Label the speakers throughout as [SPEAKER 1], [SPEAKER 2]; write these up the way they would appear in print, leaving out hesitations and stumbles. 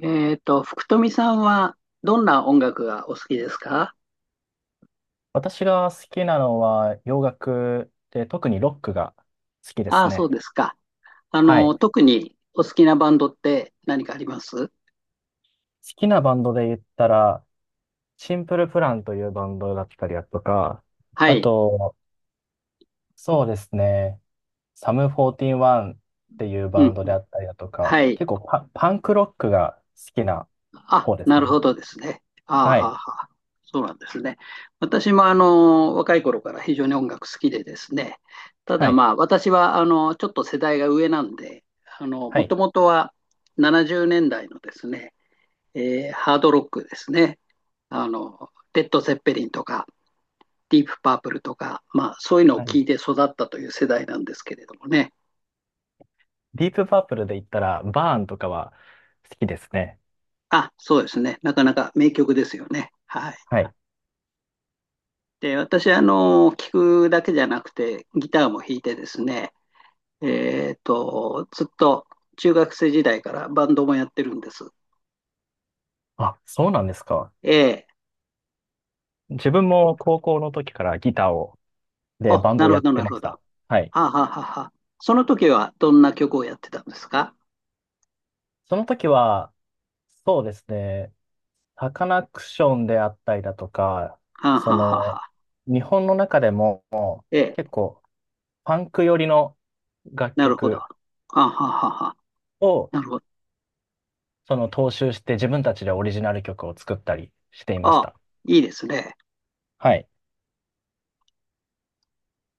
[SPEAKER 1] 福富さんはどんな音楽がお好きですか？
[SPEAKER 2] 私が好きなのは洋楽で、特にロックが好きで
[SPEAKER 1] あ
[SPEAKER 2] す
[SPEAKER 1] あ、そ
[SPEAKER 2] ね。
[SPEAKER 1] うですか。
[SPEAKER 2] はい。好
[SPEAKER 1] 特にお好きなバンドって何かあります？
[SPEAKER 2] きなバンドで言ったら、シンプルプランというバンドだったりだとか、
[SPEAKER 1] は
[SPEAKER 2] あ
[SPEAKER 1] い。
[SPEAKER 2] と、そうですね、サムフォーティーンワンっていう
[SPEAKER 1] う
[SPEAKER 2] バン
[SPEAKER 1] ん。
[SPEAKER 2] ドであったりだとか、
[SPEAKER 1] はい。
[SPEAKER 2] 結構パンクロックが好きな
[SPEAKER 1] あ、
[SPEAKER 2] 方です
[SPEAKER 1] なる
[SPEAKER 2] ね。
[SPEAKER 1] ほどですね。ああ、
[SPEAKER 2] は
[SPEAKER 1] は
[SPEAKER 2] い。
[SPEAKER 1] あはあ。そうなんですね。私も若い頃から非常に音楽好きでですね。た
[SPEAKER 2] は
[SPEAKER 1] だ
[SPEAKER 2] い。
[SPEAKER 1] まあ、私はちょっと世代が上なんで、
[SPEAKER 2] は
[SPEAKER 1] も
[SPEAKER 2] い。
[SPEAKER 1] ともとは70年代のですね、ハードロックですね。レッド・ゼッペリンとか、ディープパープルとか、まあ、そういうのを
[SPEAKER 2] はい。
[SPEAKER 1] 聞いて育ったという世代なんですけれどもね。
[SPEAKER 2] ディープパープルで言ったら、バーンとかは好きですね。
[SPEAKER 1] あ、そうですね。なかなか名曲ですよね。はい。
[SPEAKER 2] はい。
[SPEAKER 1] で、私、聞くだけじゃなくて、ギターも弾いてですね、ずっと中学生時代からバンドもやってるんです。
[SPEAKER 2] あ、そうなんですか。
[SPEAKER 1] ええ。
[SPEAKER 2] 自分も高校の時からギターを、で、
[SPEAKER 1] お、
[SPEAKER 2] バンド
[SPEAKER 1] な
[SPEAKER 2] を
[SPEAKER 1] る
[SPEAKER 2] や
[SPEAKER 1] ほ
[SPEAKER 2] っ
[SPEAKER 1] ど、
[SPEAKER 2] て
[SPEAKER 1] なる
[SPEAKER 2] ま
[SPEAKER 1] ほ
[SPEAKER 2] し
[SPEAKER 1] ど。は
[SPEAKER 2] た。はい。
[SPEAKER 1] あ、はあはあはあ。その時はどんな曲をやってたんですか？
[SPEAKER 2] その時は、そうですね、サカナクションであったりだとか、
[SPEAKER 1] はあ、
[SPEAKER 2] そ
[SPEAKER 1] はあはあは
[SPEAKER 2] の、
[SPEAKER 1] あ。
[SPEAKER 2] 日本の中でも
[SPEAKER 1] ええ、
[SPEAKER 2] 結構パンク寄りの楽
[SPEAKER 1] なるほど。は
[SPEAKER 2] 曲
[SPEAKER 1] あ、はあはあはあ。
[SPEAKER 2] を
[SPEAKER 1] なるほど。
[SPEAKER 2] その踏襲して自分たちでオリジナル曲を作ったりしていまし
[SPEAKER 1] ああ、
[SPEAKER 2] た。
[SPEAKER 1] いいですね。
[SPEAKER 2] はい。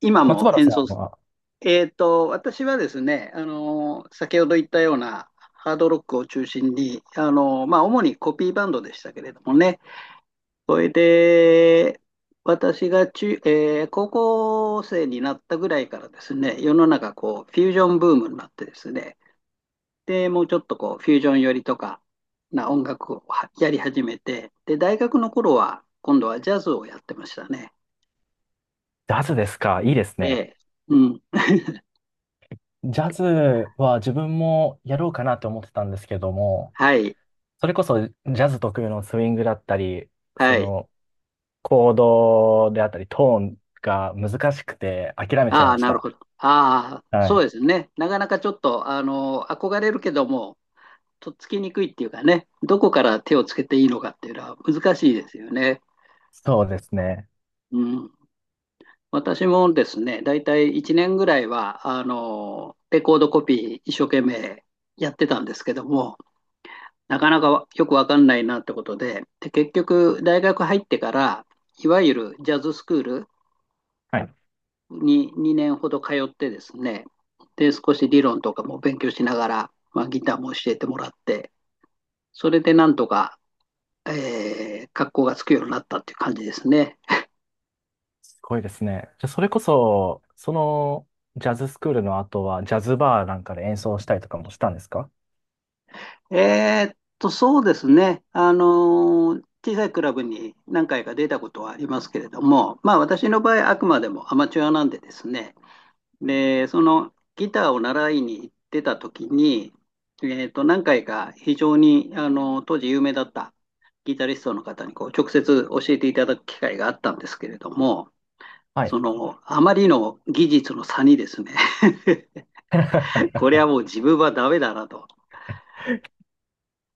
[SPEAKER 1] 今
[SPEAKER 2] 松
[SPEAKER 1] も
[SPEAKER 2] 原
[SPEAKER 1] 演
[SPEAKER 2] さん
[SPEAKER 1] 奏。
[SPEAKER 2] は、
[SPEAKER 1] 私はですね、先ほど言ったようなハードロックを中心に、まあ、主にコピーバンドでしたけれどもね、それで私が中、えー高校生になったぐらいからですね、世の中こうフュージョンブームになってですね、でもうちょっとこうフュージョン寄りとかな音楽をはやり始めて、で大学の頃は今度はジャズをやってましたね。
[SPEAKER 2] ジャズですか、いいです
[SPEAKER 1] え
[SPEAKER 2] ね。
[SPEAKER 1] え、うん、
[SPEAKER 2] ジャズは自分もやろうかなと思ってたんですけども、
[SPEAKER 1] はい、
[SPEAKER 2] それこそジャズ特有のスイングだったり、
[SPEAKER 1] は
[SPEAKER 2] そ
[SPEAKER 1] い。
[SPEAKER 2] のコードであったり、トーンが難しくて諦めちゃい
[SPEAKER 1] ああ、
[SPEAKER 2] まし
[SPEAKER 1] なる
[SPEAKER 2] た。
[SPEAKER 1] ほど。ああ、
[SPEAKER 2] は
[SPEAKER 1] そう
[SPEAKER 2] い。
[SPEAKER 1] ですね。なかなかちょっと、憧れるけども、とっつきにくいっていうかね、どこから手をつけていいのかっていうのは難しいですよね。
[SPEAKER 2] そうですね。
[SPEAKER 1] うん。私もですね、だいたい1年ぐらいは、レコードコピー一生懸命やってたんですけども、なかなかよくわかんないなってことで、で、結局、大学入ってから、いわゆるジャズスクール
[SPEAKER 2] はい。
[SPEAKER 1] に2年ほど通ってですね、で、少し理論とかも勉強しながら、まあ、ギターも教えてもらって、それでなんとか、格好がつくようになったっていう感じですね。
[SPEAKER 2] すごいですね。じゃあ、それこそ、そのジャズスクールの後は、ジャズバーなんかで演奏したりとかもしたんですか？
[SPEAKER 1] えそうですね。小さいクラブに何回か出たことはありますけれども、まあ私の場合、あくまでもアマチュアなんでですね、で、そのギターを習いに行ってた時に、何回か非常にあの当時有名だったギタリストの方にこう直接教えていただく機会があったんですけれども、
[SPEAKER 2] はい。
[SPEAKER 1] そのあまりの技術の差にですね。 こ れはもう自分はダメだなと。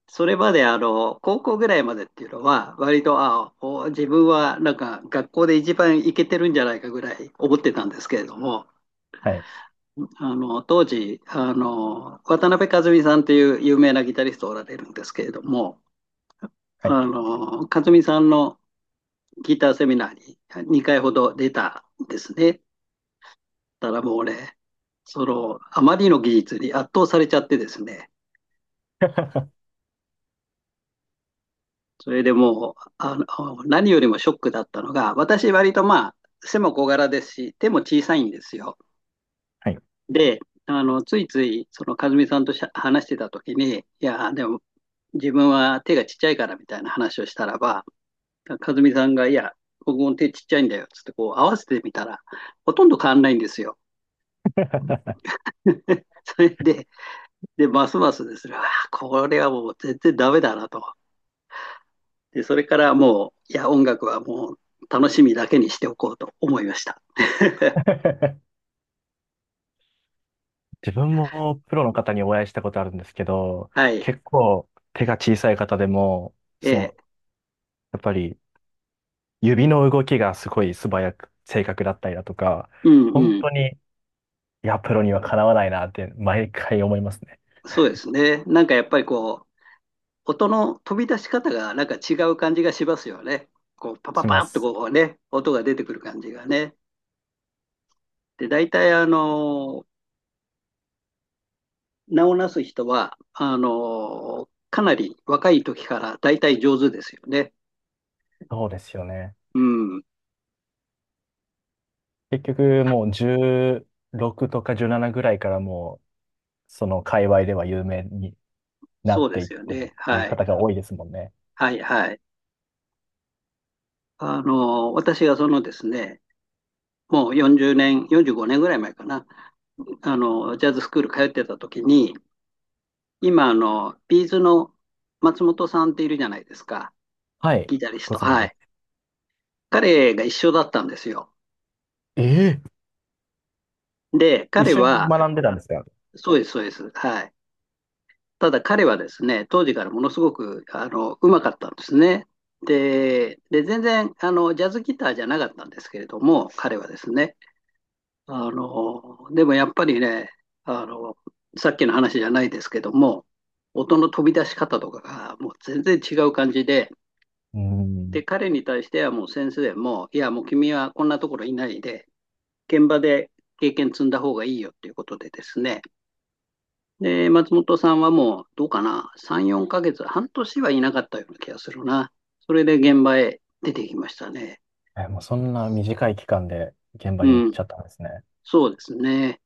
[SPEAKER 1] それまであの高校ぐらいまでっていうのは割と自分はなんか学校で一番イケてるんじゃないかぐらい思ってたんですけれども、
[SPEAKER 2] はい。
[SPEAKER 1] あの当時渡辺和美さんっていう有名なギタリストおられるんですけれども、
[SPEAKER 2] はい。
[SPEAKER 1] あの和美さんのギターセミナーに2回ほど出たんですね。たらもう俺、そのあまりの技術に圧倒されちゃってですね、 それでもう何よりもショックだったのが、私割とまあ背も小柄ですし手も小さいんですよ。
[SPEAKER 2] はい。
[SPEAKER 1] で、ついつい、和美さんと話してたときに、いや、でも、自分は手がちっちゃいからみたいな話をしたらば、和美さんが、いや、僕も手ちっちゃいんだよ、つって、こう、合わせてみたら、ほとんど変わんないんですよ。それで、ますますですね、あ、これはもう全然ダメだなと。で、それからもう、いや、音楽はもう楽しみだけにしておこうと思いました。
[SPEAKER 2] 自分もプロの方にお会いしたことあるんですけど、
[SPEAKER 1] はい。
[SPEAKER 2] 結構手が小さい方でも、
[SPEAKER 1] え
[SPEAKER 2] その、
[SPEAKER 1] え、
[SPEAKER 2] やっぱり指の動きがすごい素早く、正確だったりだとか、
[SPEAKER 1] うんう
[SPEAKER 2] 本
[SPEAKER 1] ん。
[SPEAKER 2] 当に、いや、プロにはかなわないなって毎回思いますね。
[SPEAKER 1] そうですね。なんかやっぱりこう、音の飛び出し方がなんか違う感じがしますよね。こう、パパ
[SPEAKER 2] し
[SPEAKER 1] パ
[SPEAKER 2] ま
[SPEAKER 1] ッと
[SPEAKER 2] す。
[SPEAKER 1] こうね、音が出てくる感じがね。で、大体名をなす人は、かなり若い時から大体上手ですよね。
[SPEAKER 2] そうですよね。
[SPEAKER 1] うん、
[SPEAKER 2] 結局もう16とか17ぐらいからもう、その界隈では有名になっ
[SPEAKER 1] そうで
[SPEAKER 2] ていっ
[SPEAKER 1] すよ
[SPEAKER 2] てっ
[SPEAKER 1] ね。
[SPEAKER 2] ていう
[SPEAKER 1] はい。
[SPEAKER 2] 方が多いですもんね。
[SPEAKER 1] はい、はい。私がそのですね、もう40年、45年ぐらい前かな、ジャズスクール通ってた時に、今、ビーズの松本さんっているじゃないですか、
[SPEAKER 2] はい。
[SPEAKER 1] ギタリス
[SPEAKER 2] ご
[SPEAKER 1] ト。
[SPEAKER 2] 存知
[SPEAKER 1] は
[SPEAKER 2] で
[SPEAKER 1] い。
[SPEAKER 2] す。
[SPEAKER 1] 彼が一緒だったんですよ。
[SPEAKER 2] ええ、
[SPEAKER 1] で、
[SPEAKER 2] 一
[SPEAKER 1] 彼
[SPEAKER 2] 緒に
[SPEAKER 1] は、
[SPEAKER 2] 学んでたんですか？
[SPEAKER 1] そうです、そうです。はい。ただ彼はですね、当時からものすごく、うまかったんですね。で、全然、ジャズギターじゃなかったんですけれども、彼はですね、でもやっぱりね、あの、さっきの話じゃないですけども、音の飛び出し方とかがもう全然違う感じで、
[SPEAKER 2] うん。
[SPEAKER 1] で、彼に対してはもう先生も、いや、もう君はこんなところいないで、現場で経験積んだ方がいいよっていうことでですね、で、松本さんはもう、どうかな、3、4ヶ月、半年はいなかったような気がするな。それで現場へ出てきましたね。
[SPEAKER 2] え、もうそんな短い期間で現場に
[SPEAKER 1] う
[SPEAKER 2] 行っ
[SPEAKER 1] ん、
[SPEAKER 2] ちゃったんですね。
[SPEAKER 1] そうですね。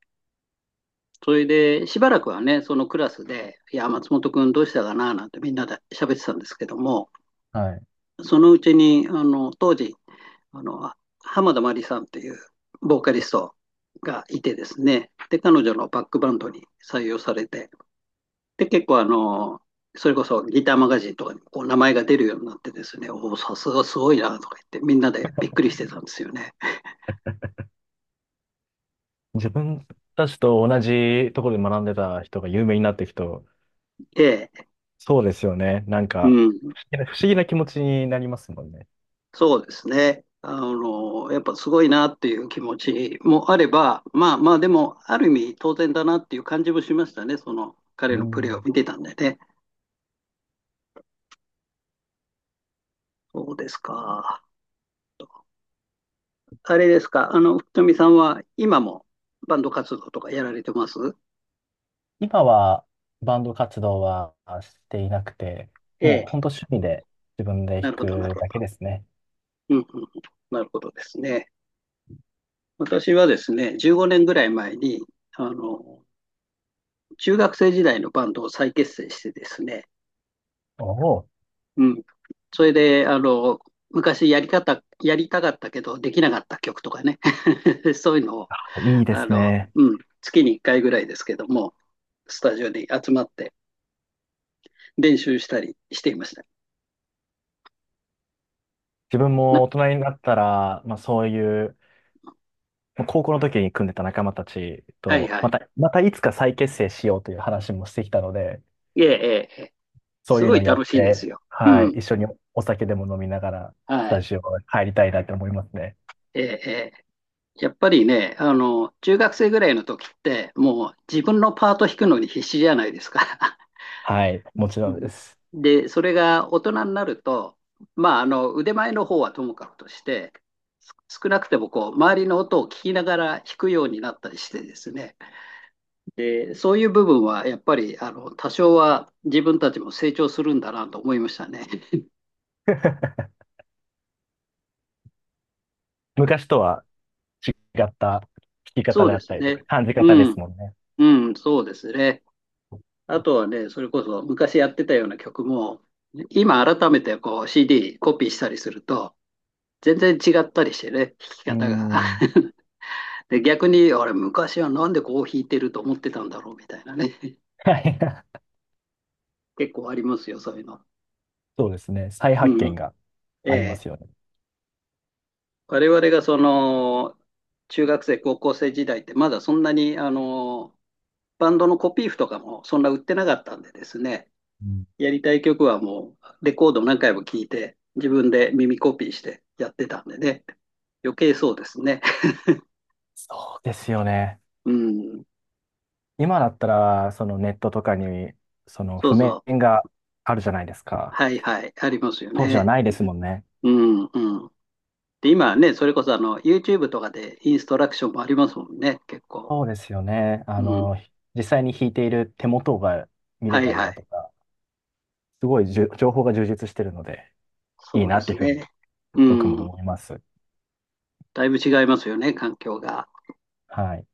[SPEAKER 1] それで、しばらくはね、そのクラスで、いや、松本君どうしたかな、なんてみんなで喋ってたんですけども、
[SPEAKER 2] はい。
[SPEAKER 1] そのうちに、当時、あの、浜田真理さんっていうボーカリストがいてですね、で、彼女のバックバンドに採用されて、で、結構それこそギターマガジンとかにこう名前が出るようになってですね、おお、さすがすごいなとか言って、みんなでびっくりしてたんですよね。
[SPEAKER 2] 自分たちと同じところで学んでた人が有名になっていくと、
[SPEAKER 1] で、
[SPEAKER 2] そうですよね。なん
[SPEAKER 1] う
[SPEAKER 2] か、
[SPEAKER 1] ん、
[SPEAKER 2] 不思議な気持ちになりますもんね。
[SPEAKER 1] そうですね。やっぱすごいなっていう気持ちもあれば、まあまあ、でも、ある意味当然だなっていう感じもしましたね、その彼
[SPEAKER 2] う
[SPEAKER 1] のプレーを
[SPEAKER 2] ん、
[SPEAKER 1] 見てたんでね。そうですか。あれですか、福富さんは今もバンド活動とかやられてます？
[SPEAKER 2] 今はバンド活動はしていなくて、
[SPEAKER 1] え
[SPEAKER 2] もう
[SPEAKER 1] え、
[SPEAKER 2] 本当趣味で自分で
[SPEAKER 1] な
[SPEAKER 2] 弾
[SPEAKER 1] るほど、なる
[SPEAKER 2] く
[SPEAKER 1] ほど。
[SPEAKER 2] だけですね。
[SPEAKER 1] うんうん、なるほどですね。私はですね、15年ぐらい前に、あの、中学生時代のバンドを再結成してですね、
[SPEAKER 2] おお、
[SPEAKER 1] うん。それで、昔やりたかったけどできなかった曲とかね、そういうのを、
[SPEAKER 2] いいですね。
[SPEAKER 1] うん、月に1回ぐらいですけども、スタジオに集まって練習したりしていました。
[SPEAKER 2] 自分
[SPEAKER 1] な
[SPEAKER 2] も大人になったら、まあそういう、まあ高校の時に組んでた仲間たち
[SPEAKER 1] はい
[SPEAKER 2] と、
[SPEAKER 1] は
[SPEAKER 2] ま
[SPEAKER 1] い。
[SPEAKER 2] た、またいつか再結成しようという話もしてきたので、
[SPEAKER 1] ええ、ええ、ええ、
[SPEAKER 2] そう
[SPEAKER 1] す
[SPEAKER 2] いう
[SPEAKER 1] ご
[SPEAKER 2] のを
[SPEAKER 1] い
[SPEAKER 2] やっ
[SPEAKER 1] 楽しいです
[SPEAKER 2] て、
[SPEAKER 1] よ。う
[SPEAKER 2] はい、
[SPEAKER 1] ん。
[SPEAKER 2] 一緒にお酒でも飲みながら、ス
[SPEAKER 1] は
[SPEAKER 2] タ
[SPEAKER 1] い。
[SPEAKER 2] ジオ入りたいなって思いますね。
[SPEAKER 1] ええ、ええ。やっぱりね、中学生ぐらいの時って、もう自分のパート弾くのに必死じゃないですか。
[SPEAKER 2] はい、もち
[SPEAKER 1] う
[SPEAKER 2] ろんで
[SPEAKER 1] ん。
[SPEAKER 2] す。
[SPEAKER 1] で、それが大人になると、まあ、腕前の方はともかくとして、す少なくてもこう、周りの音を聞きながら弾くようになったりしてですね。で、そういう部分はやっぱり、多少は自分たちも成長するんだなと思いましたね。
[SPEAKER 2] 昔とは違った聞き方
[SPEAKER 1] そう
[SPEAKER 2] であ
[SPEAKER 1] で
[SPEAKER 2] っ
[SPEAKER 1] す
[SPEAKER 2] たりとか、
[SPEAKER 1] ね。
[SPEAKER 2] 感じ方で
[SPEAKER 1] うん、
[SPEAKER 2] すもんね。
[SPEAKER 1] うん、そうですね。あとはね、それこそ昔やってたような曲も、今改めてこう CD コピーしたりすると、全然違ったりしてね、弾き
[SPEAKER 2] う
[SPEAKER 1] 方が。
[SPEAKER 2] ん。
[SPEAKER 1] で、逆に、あれ、昔はなんでこう弾いてると思ってたんだろうみたいなね、
[SPEAKER 2] はい。
[SPEAKER 1] 結構ありますよ、そういうの。
[SPEAKER 2] そうですね。再
[SPEAKER 1] う
[SPEAKER 2] 発見
[SPEAKER 1] ん。
[SPEAKER 2] が
[SPEAKER 1] え
[SPEAKER 2] あります
[SPEAKER 1] え。
[SPEAKER 2] よね。
[SPEAKER 1] 我々がその、中学生、高校生時代って、まだそんなに、バンドのコピー譜とかもそんな売ってなかったんでですね、
[SPEAKER 2] うん、
[SPEAKER 1] やりたい曲はもうレコード何回も聴いて、自分で耳コピーしてやってたんでね。余計そうですね。
[SPEAKER 2] そうですよね。
[SPEAKER 1] うん。
[SPEAKER 2] 今だったら、そのネットとかに、その
[SPEAKER 1] そう
[SPEAKER 2] 譜
[SPEAKER 1] そ
[SPEAKER 2] 面
[SPEAKER 1] う。
[SPEAKER 2] があるじゃないですか。
[SPEAKER 1] はいはい。ありますよ
[SPEAKER 2] 当時は
[SPEAKER 1] ね。
[SPEAKER 2] ないですもんね。
[SPEAKER 1] うんうん。で、今はね、それこそYouTube とかでインストラクションもありますもんね、結構。
[SPEAKER 2] そうですよね。あ
[SPEAKER 1] うん。
[SPEAKER 2] の、実際に弾いている手元が見
[SPEAKER 1] は
[SPEAKER 2] れ
[SPEAKER 1] い
[SPEAKER 2] たり
[SPEAKER 1] は
[SPEAKER 2] だと
[SPEAKER 1] い。
[SPEAKER 2] か、すごいじゅ情報が充実してるので、いい
[SPEAKER 1] そう
[SPEAKER 2] な
[SPEAKER 1] で
[SPEAKER 2] ってい
[SPEAKER 1] す
[SPEAKER 2] うふうに
[SPEAKER 1] ね。う
[SPEAKER 2] 僕も
[SPEAKER 1] ん。
[SPEAKER 2] 思います。
[SPEAKER 1] だいぶ違いますよね、環境が。
[SPEAKER 2] はい。